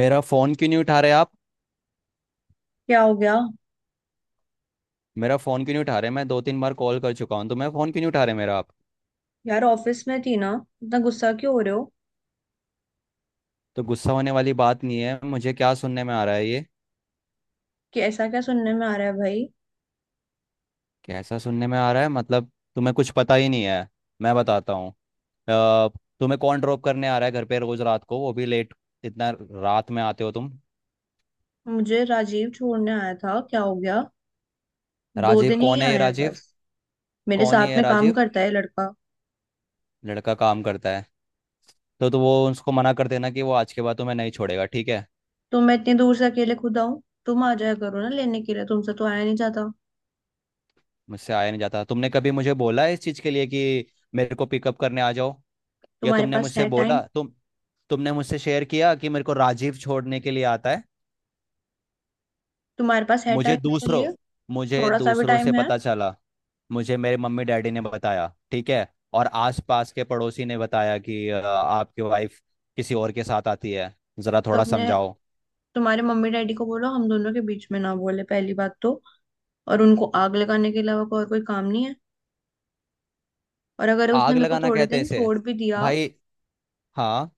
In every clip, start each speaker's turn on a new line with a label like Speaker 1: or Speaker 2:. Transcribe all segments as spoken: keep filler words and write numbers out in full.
Speaker 1: मेरा फोन क्यों नहीं उठा रहे आप।
Speaker 2: क्या हो गया।
Speaker 1: मेरा फोन क्यों नहीं उठा रहे, मैं दो तीन बार कॉल कर चुका हूँ, तो मैं फोन क्यों नहीं उठा रहे मेरा आप।
Speaker 2: यार ऑफिस में थी ना। इतना गुस्सा क्यों हो रहे हो?
Speaker 1: तो गुस्सा होने वाली बात नहीं है, मुझे क्या सुनने में आ रहा है ये।
Speaker 2: कि ऐसा क्या सुनने में आ रहा है भाई?
Speaker 1: कैसा सुनने में आ रहा है मतलब, तुम्हें कुछ पता ही नहीं है। मैं बताता हूँ। अ, तुम्हें कौन ड्रॉप करने आ रहा है घर पे रोज रात को, वो भी लेट। इतना रात में आते हो तुम।
Speaker 2: मुझे राजीव छोड़ने आया था, क्या हो गया। दो
Speaker 1: राजीव
Speaker 2: दिन ही
Speaker 1: कौन है ये
Speaker 2: आया है
Speaker 1: राजीव।
Speaker 2: बस, मेरे
Speaker 1: कौन ही
Speaker 2: साथ
Speaker 1: है
Speaker 2: में काम
Speaker 1: राजीव।
Speaker 2: करता है लड़का।
Speaker 1: लड़का काम करता है। तो, तो वो उसको मना कर देना कि वो आज के बाद तुम्हें नहीं छोड़ेगा, ठीक है।
Speaker 2: तो मैं इतनी दूर से अकेले खुद आऊं? तुम आ जाया करो ना लेने के लिए, तुमसे तो आया नहीं जाता।
Speaker 1: मुझसे आया नहीं जाता, तुमने कभी मुझे बोला है इस चीज़ के लिए कि मेरे को पिकअप करने आ जाओ। या
Speaker 2: तुम्हारे
Speaker 1: तुमने
Speaker 2: पास
Speaker 1: मुझसे
Speaker 2: है टाइम?
Speaker 1: बोला तुम, तुमने मुझसे शेयर किया कि मेरे को राजीव छोड़ने के लिए आता है।
Speaker 2: तुम्हारे पास है
Speaker 1: मुझे
Speaker 2: टाइम मेरे
Speaker 1: दूसरों
Speaker 2: लिए?
Speaker 1: मुझे
Speaker 2: थोड़ा सा भी
Speaker 1: दूसरों से
Speaker 2: टाइम है?
Speaker 1: पता चला। मुझे मेरे मम्मी डैडी ने बताया, ठीक है। और आसपास के पड़ोसी ने बताया कि अ, आपकी वाइफ किसी और के साथ आती है। जरा
Speaker 2: तो
Speaker 1: थोड़ा
Speaker 2: अपने
Speaker 1: समझाओ।
Speaker 2: तुम्हारे मम्मी डैडी को बोलो हम दोनों के बीच में ना बोले पहली बात तो। और उनको आग लगाने के अलावा और कोई काम नहीं है। और अगर उसने
Speaker 1: आग
Speaker 2: मेरे को
Speaker 1: लगाना
Speaker 2: थोड़े
Speaker 1: कहते हैं
Speaker 2: दिन
Speaker 1: इसे
Speaker 2: छोड़ भी दिया।
Speaker 1: भाई। हाँ।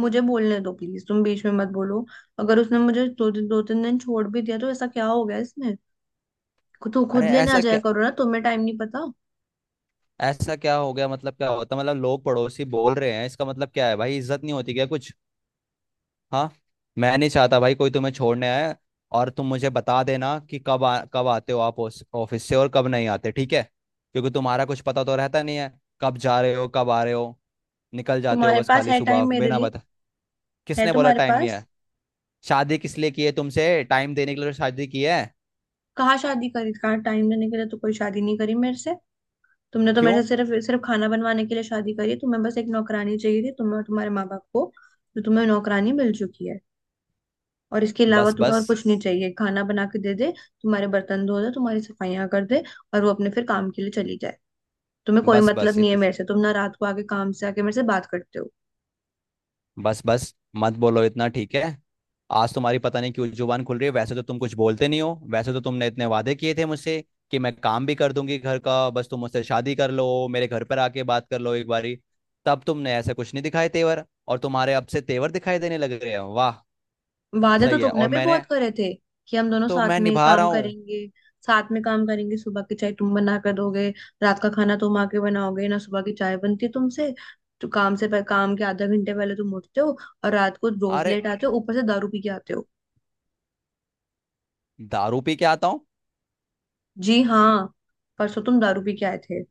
Speaker 2: मुझे बोलने दो प्लीज, तुम बीच में मत बोलो। अगर उसने मुझे दो दिन दो तीन दिन छोड़ भी दिया तो ऐसा क्या हो गया इसमें? खु- तू
Speaker 1: अरे
Speaker 2: खुद लेने आ
Speaker 1: ऐसा
Speaker 2: जाया
Speaker 1: क्या,
Speaker 2: करो ना, तुम्हें टाइम नहीं पता।
Speaker 1: ऐसा क्या हो गया मतलब, क्या होता मतलब, लोग पड़ोसी बोल रहे हैं, इसका मतलब क्या है भाई, इज्जत नहीं होती क्या कुछ। हाँ। मैं नहीं चाहता भाई कोई तुम्हें छोड़ने आए। और तुम मुझे बता देना कि कब आ, कब आते हो आप उस ऑफिस से और कब नहीं आते, ठीक है। क्योंकि तुम्हारा कुछ पता तो रहता नहीं है कब जा रहे हो कब आ रहे हो। निकल जाते हो
Speaker 2: तुम्हारे
Speaker 1: बस
Speaker 2: पास
Speaker 1: खाली
Speaker 2: है
Speaker 1: सुबह
Speaker 2: टाइम मेरे
Speaker 1: बिना
Speaker 2: लिए?
Speaker 1: बता।
Speaker 2: है
Speaker 1: किसने बोला
Speaker 2: तुम्हारे
Speaker 1: टाइम नहीं
Speaker 2: पास?
Speaker 1: है। शादी किस लिए की है तुमसे? टाइम देने के लिए तो शादी की है।
Speaker 2: कहाँ शादी करी, कहाँ टाइम देने के लिए तो कोई शादी नहीं करी मेरे से। तुमने तो
Speaker 1: क्यों?
Speaker 2: मेरे से सिर्फ सिर्फ खाना बनवाने के लिए शादी करी है। तुम्हें बस एक नौकरानी चाहिए थी तुम्हें और तुम्हारे माँ बाप को। तो तुम्हें नौकरानी मिल चुकी है। और इसके अलावा
Speaker 1: बस
Speaker 2: तुम्हें और
Speaker 1: बस।
Speaker 2: कुछ नहीं चाहिए, खाना बना के दे दे, तुम्हारे बर्तन धो दे, तुम्हारी सफाइयाँ कर दे, और वो अपने फिर काम के लिए चली जाए। तुम्हें कोई
Speaker 1: बस
Speaker 2: मतलब
Speaker 1: बस
Speaker 2: नहीं है
Speaker 1: इत,
Speaker 2: मेरे से, तुम ना रात को आके काम से आके मेरे से बात करते हो।
Speaker 1: बस बस मत बोलो इतना, ठीक है। आज तुम्हारी पता नहीं क्यों जुबान खुल रही है, वैसे तो तुम कुछ बोलते नहीं हो। वैसे तो तुमने इतने वादे किए थे मुझसे कि मैं काम भी कर दूंगी घर का, बस तुम मुझसे शादी कर लो, मेरे घर पर आके बात कर लो एक बारी। तब तुमने ऐसा कुछ नहीं दिखाए तेवर और तुम्हारे अब से तेवर दिखाई देने लग रहे हैं, वाह।
Speaker 2: वादे तो
Speaker 1: सही है।
Speaker 2: तुमने
Speaker 1: और
Speaker 2: भी बहुत
Speaker 1: मैंने,
Speaker 2: करे थे कि हम दोनों
Speaker 1: तो
Speaker 2: साथ
Speaker 1: मैं
Speaker 2: में
Speaker 1: निभा रहा
Speaker 2: काम
Speaker 1: हूँ।
Speaker 2: करेंगे, साथ में काम करेंगे, सुबह की चाय तुम बना कर दोगे, रात का खाना तुम आके बनाओगे। ना सुबह की चाय बनती है तुमसे, तो काम से पह- काम के आधा घंटे पहले तुम उठते हो, और रात को रोज
Speaker 1: अरे
Speaker 2: लेट आते हो, ऊपर से दारू पी के आते हो।
Speaker 1: दारू पी के आता हूँ?
Speaker 2: जी हाँ, परसों तुम दारू पी के आए थे।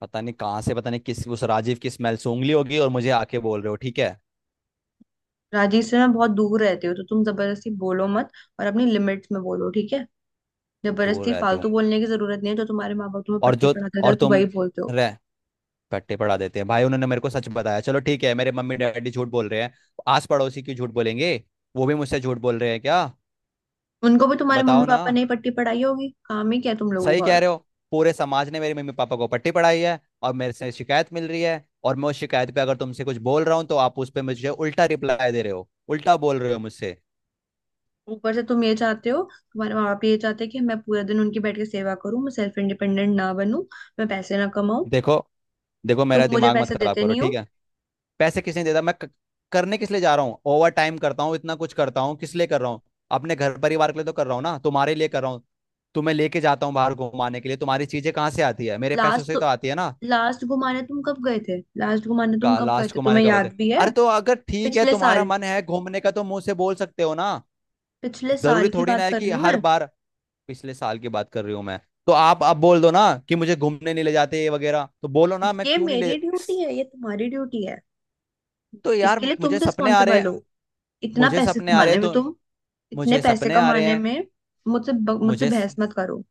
Speaker 1: पता नहीं कहाँ से, पता नहीं किस उस राजीव की स्मेल सूंघ ली होगी और मुझे आके बोल रहे हो, ठीक है।
Speaker 2: राजीव से मैं बहुत दूर रहते हो तो तुम जबरदस्ती बोलो मत, और अपनी लिमिट्स में बोलो ठीक है।
Speaker 1: दूर
Speaker 2: जबरदस्ती
Speaker 1: रहती हूँ।
Speaker 2: फालतू बोलने की जरूरत नहीं है, जो तुम्हारे माँ बाप तुम्हें
Speaker 1: और
Speaker 2: पट्टी
Speaker 1: जो
Speaker 2: पढ़ाते
Speaker 1: और
Speaker 2: थे तो वही
Speaker 1: तुम
Speaker 2: बोलते हो।
Speaker 1: रह पट्टे पढ़ा देते हैं भाई, उन्होंने मेरे को सच बताया। चलो ठीक है, मेरे मम्मी डैडी झूठ बोल रहे हैं, आस पड़ोसी क्यों झूठ बोलेंगे? वो भी मुझसे झूठ बोल रहे हैं क्या?
Speaker 2: उनको भी तुम्हारे मम्मी
Speaker 1: बताओ ना।
Speaker 2: पापा ने ही पट्टी पढ़ाई होगी, काम ही क्या है तुम लोगों
Speaker 1: सही
Speaker 2: का
Speaker 1: कह
Speaker 2: और।
Speaker 1: रहे हो, पूरे समाज ने मेरे मम्मी पापा को पट्टी पढ़ाई है और मेरे से शिकायत मिल रही है। और मैं उस शिकायत पे अगर तुमसे कुछ बोल रहा हूँ तो आप उस पे मुझे उल्टा रिप्लाई दे रहे हो, उल्टा बोल रहे हो मुझसे।
Speaker 2: ऊपर से तुम ये चाहते हो, तुम्हारे माँ बाप ये चाहते हैं कि मैं पूरे दिन उनकी बैठ के सेवा करूं, मैं सेल्फ इंडिपेंडेंट ना बनूं, मैं पैसे ना कमाऊं।
Speaker 1: देखो, देखो
Speaker 2: तुम
Speaker 1: मेरा
Speaker 2: मुझे
Speaker 1: दिमाग मत
Speaker 2: पैसे
Speaker 1: खराब
Speaker 2: देते
Speaker 1: करो,
Speaker 2: नहीं
Speaker 1: ठीक
Speaker 2: हो।
Speaker 1: है। पैसे किस लिए देता मैं क- करने किस लिए जा रहा हूँ? ओवर टाइम करता हूँ, इतना कुछ करता हूँ, किस लिए कर रहा हूँ? अपने घर परिवार के लिए तो कर रहा हूँ ना, तुम्हारे लिए कर रहा हूँ। तुम्हें लेके जाता हूँ बाहर घुमाने के लिए, तुम्हारी चीजें कहाँ से आती है? मेरे पैसों से
Speaker 2: लास्ट
Speaker 1: ही तो आती है ना।
Speaker 2: लास्ट घुमाने तुम कब गए थे, लास्ट घुमाने तुम
Speaker 1: का
Speaker 2: कब गए
Speaker 1: लास्ट
Speaker 2: थे,
Speaker 1: घुमाने
Speaker 2: तुम्हें
Speaker 1: का बता।
Speaker 2: याद भी है?
Speaker 1: अरे तो अगर ठीक है
Speaker 2: पिछले
Speaker 1: तुम्हारा
Speaker 2: साल,
Speaker 1: मन है घूमने का तो मुंह से बोल सकते हो ना।
Speaker 2: पिछले
Speaker 1: जरूरी
Speaker 2: साल की
Speaker 1: थोड़ी ना
Speaker 2: बात
Speaker 1: है
Speaker 2: कर
Speaker 1: कि
Speaker 2: रही हूँ
Speaker 1: हर
Speaker 2: मैं।
Speaker 1: बार पिछले साल की बात कर रही हूँ मैं। तो आप अब बोल दो ना कि मुझे घूमने नहीं ले जाते ये वगैरह, तो बोलो ना। मैं
Speaker 2: ये
Speaker 1: क्यों नहीं ले।
Speaker 2: मेरी ड्यूटी है, ये तुम्हारी ड्यूटी है,
Speaker 1: तो यार
Speaker 2: इसके लिए तुम
Speaker 1: मुझे सपने आ रहे
Speaker 2: रिस्पॉन्सिबल
Speaker 1: हैं,
Speaker 2: हो। इतना
Speaker 1: मुझे
Speaker 2: पैसे
Speaker 1: सपने आ रहे
Speaker 2: कमाने
Speaker 1: हैं
Speaker 2: में
Speaker 1: तो,
Speaker 2: तुम इतने
Speaker 1: मुझे
Speaker 2: पैसे
Speaker 1: सपने आ रहे
Speaker 2: कमाने
Speaker 1: हैं।
Speaker 2: में मुझसे ब- मुझसे
Speaker 1: मुझे
Speaker 2: बहस मत करो।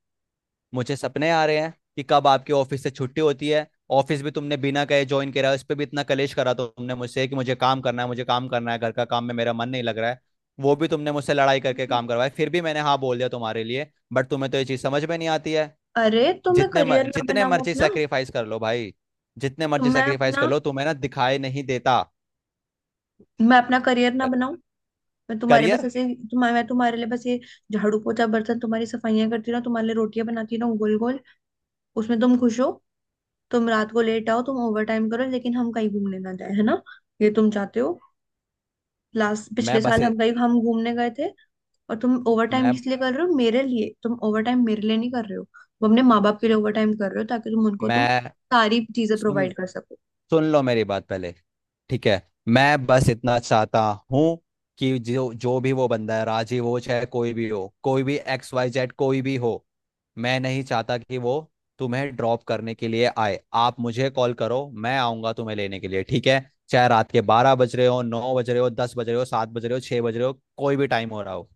Speaker 1: मुझे सपने आ रहे हैं कि कब आपके ऑफिस से छुट्टी होती है। ऑफिस भी तुमने बिना कहे ज्वाइन करा, उस पर भी इतना कलेश करा तुमने मुझसे कि मुझे काम करना है, मुझे काम करना है, घर का काम में मेरा मन नहीं लग रहा है। वो भी तुमने मुझसे लड़ाई करके
Speaker 2: हम्म,
Speaker 1: काम करवाया, फिर भी मैंने हाँ बोल दिया तुम्हारे लिए, बट तुम्हें तो ये चीज़ समझ में नहीं आती है।
Speaker 2: अरे तो मैं
Speaker 1: जितने म-
Speaker 2: करियर ना
Speaker 1: जितने
Speaker 2: बनाऊं
Speaker 1: मर्जी
Speaker 2: अपना?
Speaker 1: सेक्रीफाइस कर लो भाई, जितने
Speaker 2: तो
Speaker 1: मर्जी
Speaker 2: मैं
Speaker 1: सेक्रीफाइस
Speaker 2: अपना
Speaker 1: कर लो, तुम्हें ना दिखाई नहीं देता।
Speaker 2: मैं अपना करियर ना बनाऊं? मैं तुम्हारे बस
Speaker 1: करियर।
Speaker 2: ऐसे तुम्हारे मैं तुम्हारे लिए बस ये झाड़ू पोछा बर्तन, तुम्हारी सफाइयां करती रहूं, तुम्हारे लिए रोटियां बनाती रहूं गोल गोल, उसमें तुम खुश हो? तुम रात को लेट आओ, तुम ओवर टाइम करो, लेकिन हम कहीं घूमने ना जाए, है ना, ये तुम चाहते हो? लास्ट पिछले
Speaker 1: मैं बस
Speaker 2: साल हम कहीं हम घूमने गए थे। और तुम ओवर टाइम
Speaker 1: मैं
Speaker 2: किस लिए कर रहे हो? मेरे लिए तुम ओवर टाइम मेरे लिए नहीं कर रहे हो। तुम अपने माँ बाप के लिए ओवर टाइम कर रहे हो, ताकि तुम उनको तुम
Speaker 1: मैं
Speaker 2: सारी चीजें
Speaker 1: सुन
Speaker 2: प्रोवाइड
Speaker 1: लो,
Speaker 2: कर सको।
Speaker 1: सुन लो मेरी बात पहले, ठीक है। मैं बस इतना चाहता हूँ कि जो, जो भी वो बंदा है राजीव हो चाहे, कोई भी हो, कोई भी एक्स वाई जेड कोई भी हो। मैं नहीं चाहता कि वो तुम्हें ड्रॉप करने के लिए आए। आप मुझे कॉल करो, मैं आऊंगा तुम्हें लेने के लिए, ठीक है। चाहे रात के बारह बज रहे हो, नौ बज रहे हो, दस बज रहे हो, सात बज रहे हो, छह बज रहे हो, कोई भी टाइम हो रहा हो।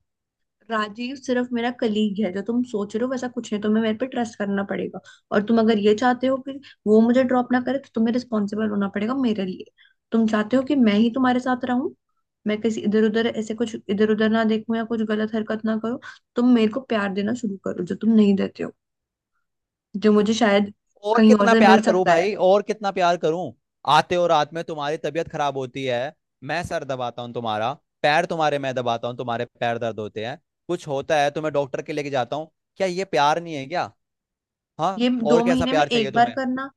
Speaker 2: राजीव सिर्फ मेरा कलीग है, जो तुम सोच रहे हो वैसा कुछ नहीं, तुम्हें मेरे पे ट्रस्ट करना पड़ेगा। और तुम अगर ये चाहते हो कि वो मुझे ड्रॉप ना करे तो तुम्हें रिस्पॉन्सिबल होना पड़ेगा मेरे लिए। तुम चाहते हो कि मैं ही तुम्हारे साथ रहूं, मैं किसी इधर उधर ऐसे कुछ इधर उधर ना देखूं या कुछ गलत हरकत ना करो। तुम मेरे को प्यार देना शुरू करो, जो तुम नहीं देते हो, जो मुझे शायद
Speaker 1: और
Speaker 2: कहीं और
Speaker 1: कितना
Speaker 2: से मिल
Speaker 1: प्यार करूं
Speaker 2: सकता है।
Speaker 1: भाई, और कितना प्यार करूं। आते हो रात में तुम्हारी तबीयत खराब होती है, मैं सर दबाता हूँ तुम्हारा, पैर तुम्हारे मैं दबाता हूँ, तुम्हारे पैर दर्द होते हैं, कुछ होता है तुम्हें डॉक्टर के लेके जाता हूँ। क्या ये प्यार नहीं है क्या?
Speaker 2: ये
Speaker 1: हाँ, और
Speaker 2: दो
Speaker 1: कैसा
Speaker 2: महीने में
Speaker 1: प्यार चाहिए
Speaker 2: एक बार
Speaker 1: तुम्हें?
Speaker 2: करना,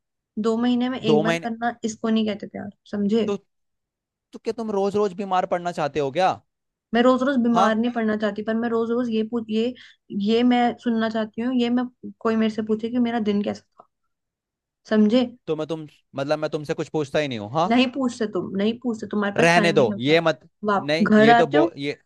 Speaker 2: दो महीने में एक
Speaker 1: दो
Speaker 2: बार
Speaker 1: महीने
Speaker 2: करना, इसको नहीं कहते प्यार, समझे।
Speaker 1: तो, तो क्या तुम रोज रोज बीमार पड़ना चाहते हो क्या?
Speaker 2: मैं रोज रोज
Speaker 1: हाँ।
Speaker 2: बीमार नहीं पड़ना चाहती, पर मैं रोज रोज ये पूछ ये ये मैं सुनना चाहती हूँ, ये मैं कोई मेरे से पूछे कि मेरा दिन कैसा था, समझे।
Speaker 1: तो मैं तुम मतलब मैं तुमसे कुछ पूछता ही नहीं हूँ हाँ?
Speaker 2: नहीं पूछते तुम, नहीं पूछते, तुम्हारे पास
Speaker 1: रहने
Speaker 2: टाइम ही नहीं
Speaker 1: दो
Speaker 2: होता।
Speaker 1: ये मत।
Speaker 2: वाप
Speaker 1: नहीं
Speaker 2: घर
Speaker 1: ये तो
Speaker 2: आते हो,
Speaker 1: बो ये।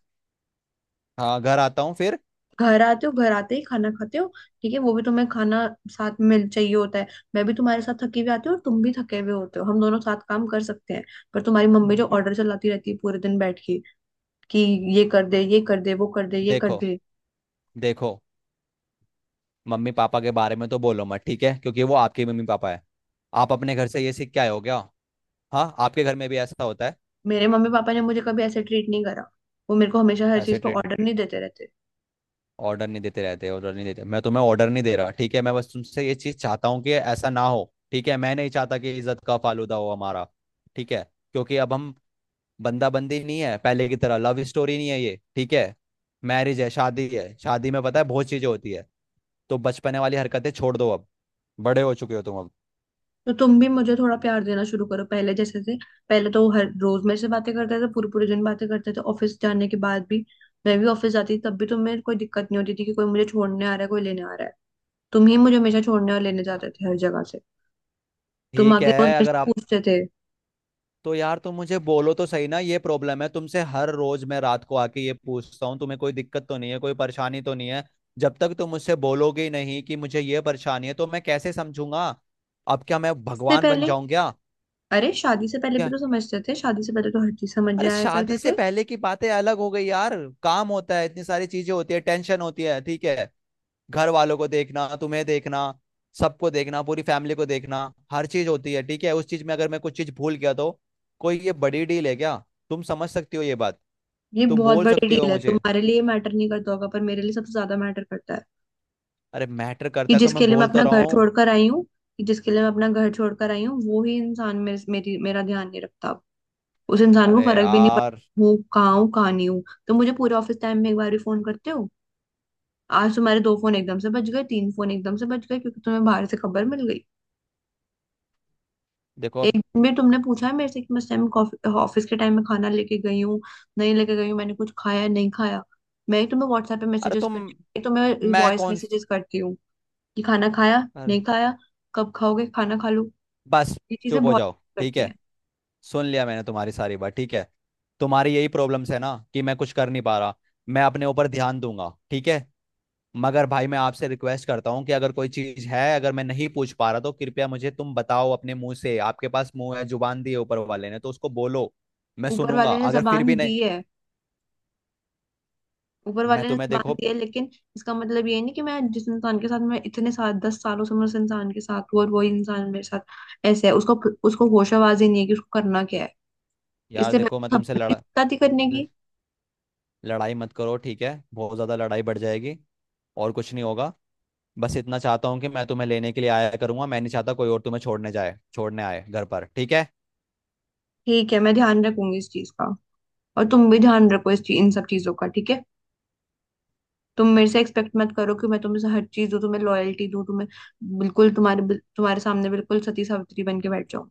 Speaker 1: हाँ घर आता हूँ फिर।
Speaker 2: घर आते हो घर आते ही खाना खाते हो, ठीक है, वो भी तुम्हें खाना साथ में मिल चाहिए होता है। मैं भी तुम्हारे साथ थकी हुई आती हूँ और तुम भी थके हुए होते हो, हम दोनों साथ काम कर सकते हैं, पर तुम्हारी मम्मी जो ऑर्डर चलाती रहती है पूरे दिन बैठ के, कि ये कर दे, ये कर दे, वो कर दे, ये कर
Speaker 1: देखो,
Speaker 2: दे।
Speaker 1: देखो मम्मी पापा के बारे में तो बोलो मत, ठीक है, क्योंकि वो आपके मम्मी पापा है। आप अपने घर से ये सीख के आए हो क्या? हाँ, आपके घर में भी ऐसा होता है?
Speaker 2: मेरे मम्मी पापा ने मुझे कभी ऐसे ट्रीट नहीं करा, वो मेरे को हमेशा हर चीज
Speaker 1: ऐसे
Speaker 2: पे
Speaker 1: ट्रेड।
Speaker 2: ऑर्डर नहीं देते रहते।
Speaker 1: ऑर्डर नहीं देते रहते, ऑर्डर नहीं देते, मैं तुम्हें ऑर्डर नहीं दे रहा, ठीक है। मैं बस तुमसे ये चीज़ चाहता हूँ कि ऐसा ना हो, ठीक है। मैं नहीं चाहता कि इज्जत का फालूदा हो हमारा, ठीक है। क्योंकि अब हम बंदा बंदी नहीं है पहले की तरह, लव स्टोरी नहीं है ये, ठीक है। मैरिज है, शादी है, शादी में पता है बहुत चीज़ें होती है। तो बचपने वाली हरकतें छोड़ दो अब, बड़े हो चुके हो तुम अब।
Speaker 2: तो तुम भी मुझे थोड़ा प्यार देना शुरू करो पहले जैसे से। पहले तो हर रोज मेरे से बातें करते थे, पूरे पूरे दिन बातें करते थे, ऑफिस जाने के बाद भी। मैं भी ऑफिस जाती थी तब भी तुम्हें कोई दिक्कत नहीं होती थी कि कोई मुझे छोड़ने आ रहा है, कोई लेने आ रहा है। तुम ही मुझे हमेशा छोड़ने और लेने जाते थे हर जगह से, तुम
Speaker 1: ठीक
Speaker 2: आके रोज
Speaker 1: है
Speaker 2: मेरे
Speaker 1: अगर
Speaker 2: से
Speaker 1: आप,
Speaker 2: पूछते थे।
Speaker 1: तो यार तुम मुझे बोलो तो सही ना ये प्रॉब्लम है तुमसे। हर रोज मैं रात को आके ये पूछता हूँ तुम्हें कोई दिक्कत तो नहीं है, कोई परेशानी तो नहीं है। जब तक तुम मुझसे बोलोगे ही नहीं कि मुझे ये परेशानी है तो मैं कैसे समझूंगा? अब क्या मैं
Speaker 2: इससे
Speaker 1: भगवान बन
Speaker 2: पहले
Speaker 1: जाऊं क्या?
Speaker 2: अरे, शादी से पहले भी
Speaker 1: क्या?
Speaker 2: तो समझते थे, शादी से पहले तो हर चीज समझ
Speaker 1: अरे
Speaker 2: जाया
Speaker 1: शादी
Speaker 2: करते
Speaker 1: से
Speaker 2: थे।
Speaker 1: पहले की बातें अलग हो गई यार। काम होता है, इतनी सारी चीजें होती है, टेंशन होती है, ठीक है। घर वालों को देखना, तुम्हें देखना, सबको देखना, पूरी फैमिली को देखना, हर चीज होती है, ठीक है। उस चीज में अगर मैं कुछ चीज भूल गया तो कोई ये बड़ी डील है क्या? तुम समझ सकती हो ये बात,
Speaker 2: ये
Speaker 1: तुम
Speaker 2: बहुत
Speaker 1: बोल
Speaker 2: बड़ी
Speaker 1: सकती हो
Speaker 2: डील है,
Speaker 1: मुझे।
Speaker 2: तुम्हारे लिए मैटर नहीं करता होगा पर मेरे लिए सबसे ज्यादा मैटर करता है।
Speaker 1: अरे मैटर
Speaker 2: कि
Speaker 1: करता है तो मैं
Speaker 2: जिसके लिए मैं
Speaker 1: बोल तो
Speaker 2: अपना
Speaker 1: रहा
Speaker 2: घर
Speaker 1: हूँ।
Speaker 2: छोड़कर आई हूँ कि जिसके लिए मैं अपना घर छोड़कर आई हूँ, वो ही इंसान मेरे, मेरी मेरा ध्यान नहीं रखता अब। उस इंसान को
Speaker 1: अरे
Speaker 2: फर्क भी नहीं
Speaker 1: यार।
Speaker 2: पड़ता हूँ कहाँ हूँ कहाँ नहीं हूँ, तो मुझे पूरे ऑफिस टाइम में एक बार भी फोन करते हो? आज तुम्हारे दो फोन एकदम से बज गए, तीन फोन एकदम से बज गए क्योंकि तुम्हें बाहर से खबर मिल गई।
Speaker 1: देखो।
Speaker 2: एक दिन भी तुमने पूछा है मेरे से कि मैं उस टाइम ऑफिस के टाइम में खाना लेके गई हूँ, नहीं लेके गई हूँ, मैंने कुछ खाया है, नहीं खाया? मैं ही तुम्हें व्हाट्सएप पे
Speaker 1: अरे
Speaker 2: मैसेजेस
Speaker 1: तुम
Speaker 2: करती हूँ, मैं ही तुम्हें
Speaker 1: मैं
Speaker 2: वॉइस
Speaker 1: कौन?
Speaker 2: मैसेजेस करती हूँ कि खाना खाया, नहीं
Speaker 1: अरे
Speaker 2: खाया, कब खाओगे, खाना खा लो,
Speaker 1: बस,
Speaker 2: ये चीजें
Speaker 1: चुप हो
Speaker 2: बहुत
Speaker 1: जाओ, ठीक
Speaker 2: करती
Speaker 1: है।
Speaker 2: हैं।
Speaker 1: सुन लिया मैंने तुम्हारी सारी बात, ठीक है। तुम्हारी यही प्रॉब्लम्स है ना कि मैं कुछ कर नहीं पा रहा। मैं अपने ऊपर ध्यान दूंगा, ठीक है। मगर भाई मैं आपसे रिक्वेस्ट करता हूँ कि अगर कोई चीज है, अगर मैं नहीं पूछ पा रहा तो कृपया मुझे तुम बताओ अपने मुंह से। आपके पास मुंह है, जुबान दी है ऊपर वाले ने, तो उसको बोलो। मैं
Speaker 2: ऊपर
Speaker 1: सुनूंगा,
Speaker 2: वाले ने
Speaker 1: अगर फिर
Speaker 2: जबान
Speaker 1: भी नहीं।
Speaker 2: दी है, ऊपर
Speaker 1: मैं
Speaker 2: वाले ने
Speaker 1: तुम्हें
Speaker 2: जबान
Speaker 1: देखो
Speaker 2: दी है, लेकिन इसका मतलब ये नहीं कि मैं जिस इंसान के साथ मैं इतने साल दस सालों से मैं उस इंसान के साथ हूँ और वही इंसान मेरे साथ ऐसे है, उसको उसको होशाबाजी नहीं है कि उसको करना क्या है,
Speaker 1: यार
Speaker 2: इससे
Speaker 1: देखो मैं
Speaker 2: बेहतर
Speaker 1: तुमसे लड़ा
Speaker 2: खबरदारी करने की।
Speaker 1: लड़ाई मत करो, ठीक है, बहुत ज्यादा लड़ाई बढ़ जाएगी और कुछ नहीं होगा। बस इतना चाहता हूँ कि मैं तुम्हें लेने के लिए आया करूंगा, मैं नहीं चाहता कोई और तुम्हें छोड़ने जाए, छोड़ने आए घर पर, ठीक है।
Speaker 2: ठीक है, मैं ध्यान रखूंगी इस चीज का, और तुम भी ध्यान रखो इस चीज इन सब चीजों का, ठीक है। तुम मेरे से एक्सपेक्ट मत करो कि मैं तुम्हें हर चीज दूं, तुम्हें लॉयल्टी दूं, तुम्हें बिल्कुल तुम्हारे तुम्हारे सामने बिल्कुल सती सावित्री बन के बैठ जाऊं।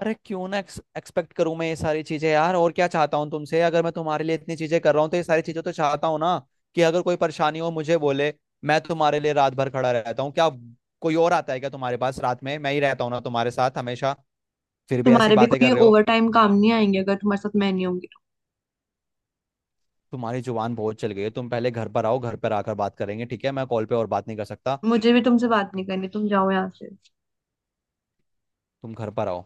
Speaker 1: अरे क्यों ना एक्सपेक्ट करूं मैं ये सारी चीजें यार, और क्या चाहता हूँ तुमसे? अगर मैं तुम्हारे लिए इतनी चीजें कर रहा हूँ तो ये सारी चीजें तो चाहता हूँ ना कि अगर कोई परेशानी हो मुझे बोले। मैं तुम्हारे लिए रात भर खड़ा रहता हूँ क्या? कोई और आता है क्या तुम्हारे पास रात में? मैं ही रहता हूँ ना तुम्हारे साथ हमेशा, फिर भी ऐसी
Speaker 2: तुम्हारे भी
Speaker 1: बातें
Speaker 2: कोई
Speaker 1: कर रहे हो।
Speaker 2: ओवर टाइम काम नहीं आएंगे अगर तुम्हारे साथ मैं नहीं होंगी तो।
Speaker 1: तुम्हारी जुबान बहुत चल गई है, तुम पहले घर पर आओ, घर पर आकर बात करेंगे, ठीक है, मैं कॉल पे और बात नहीं कर सकता।
Speaker 2: मुझे भी तुमसे बात नहीं करनी, तुम जाओ यहाँ से।
Speaker 1: तुम घर पर आओ।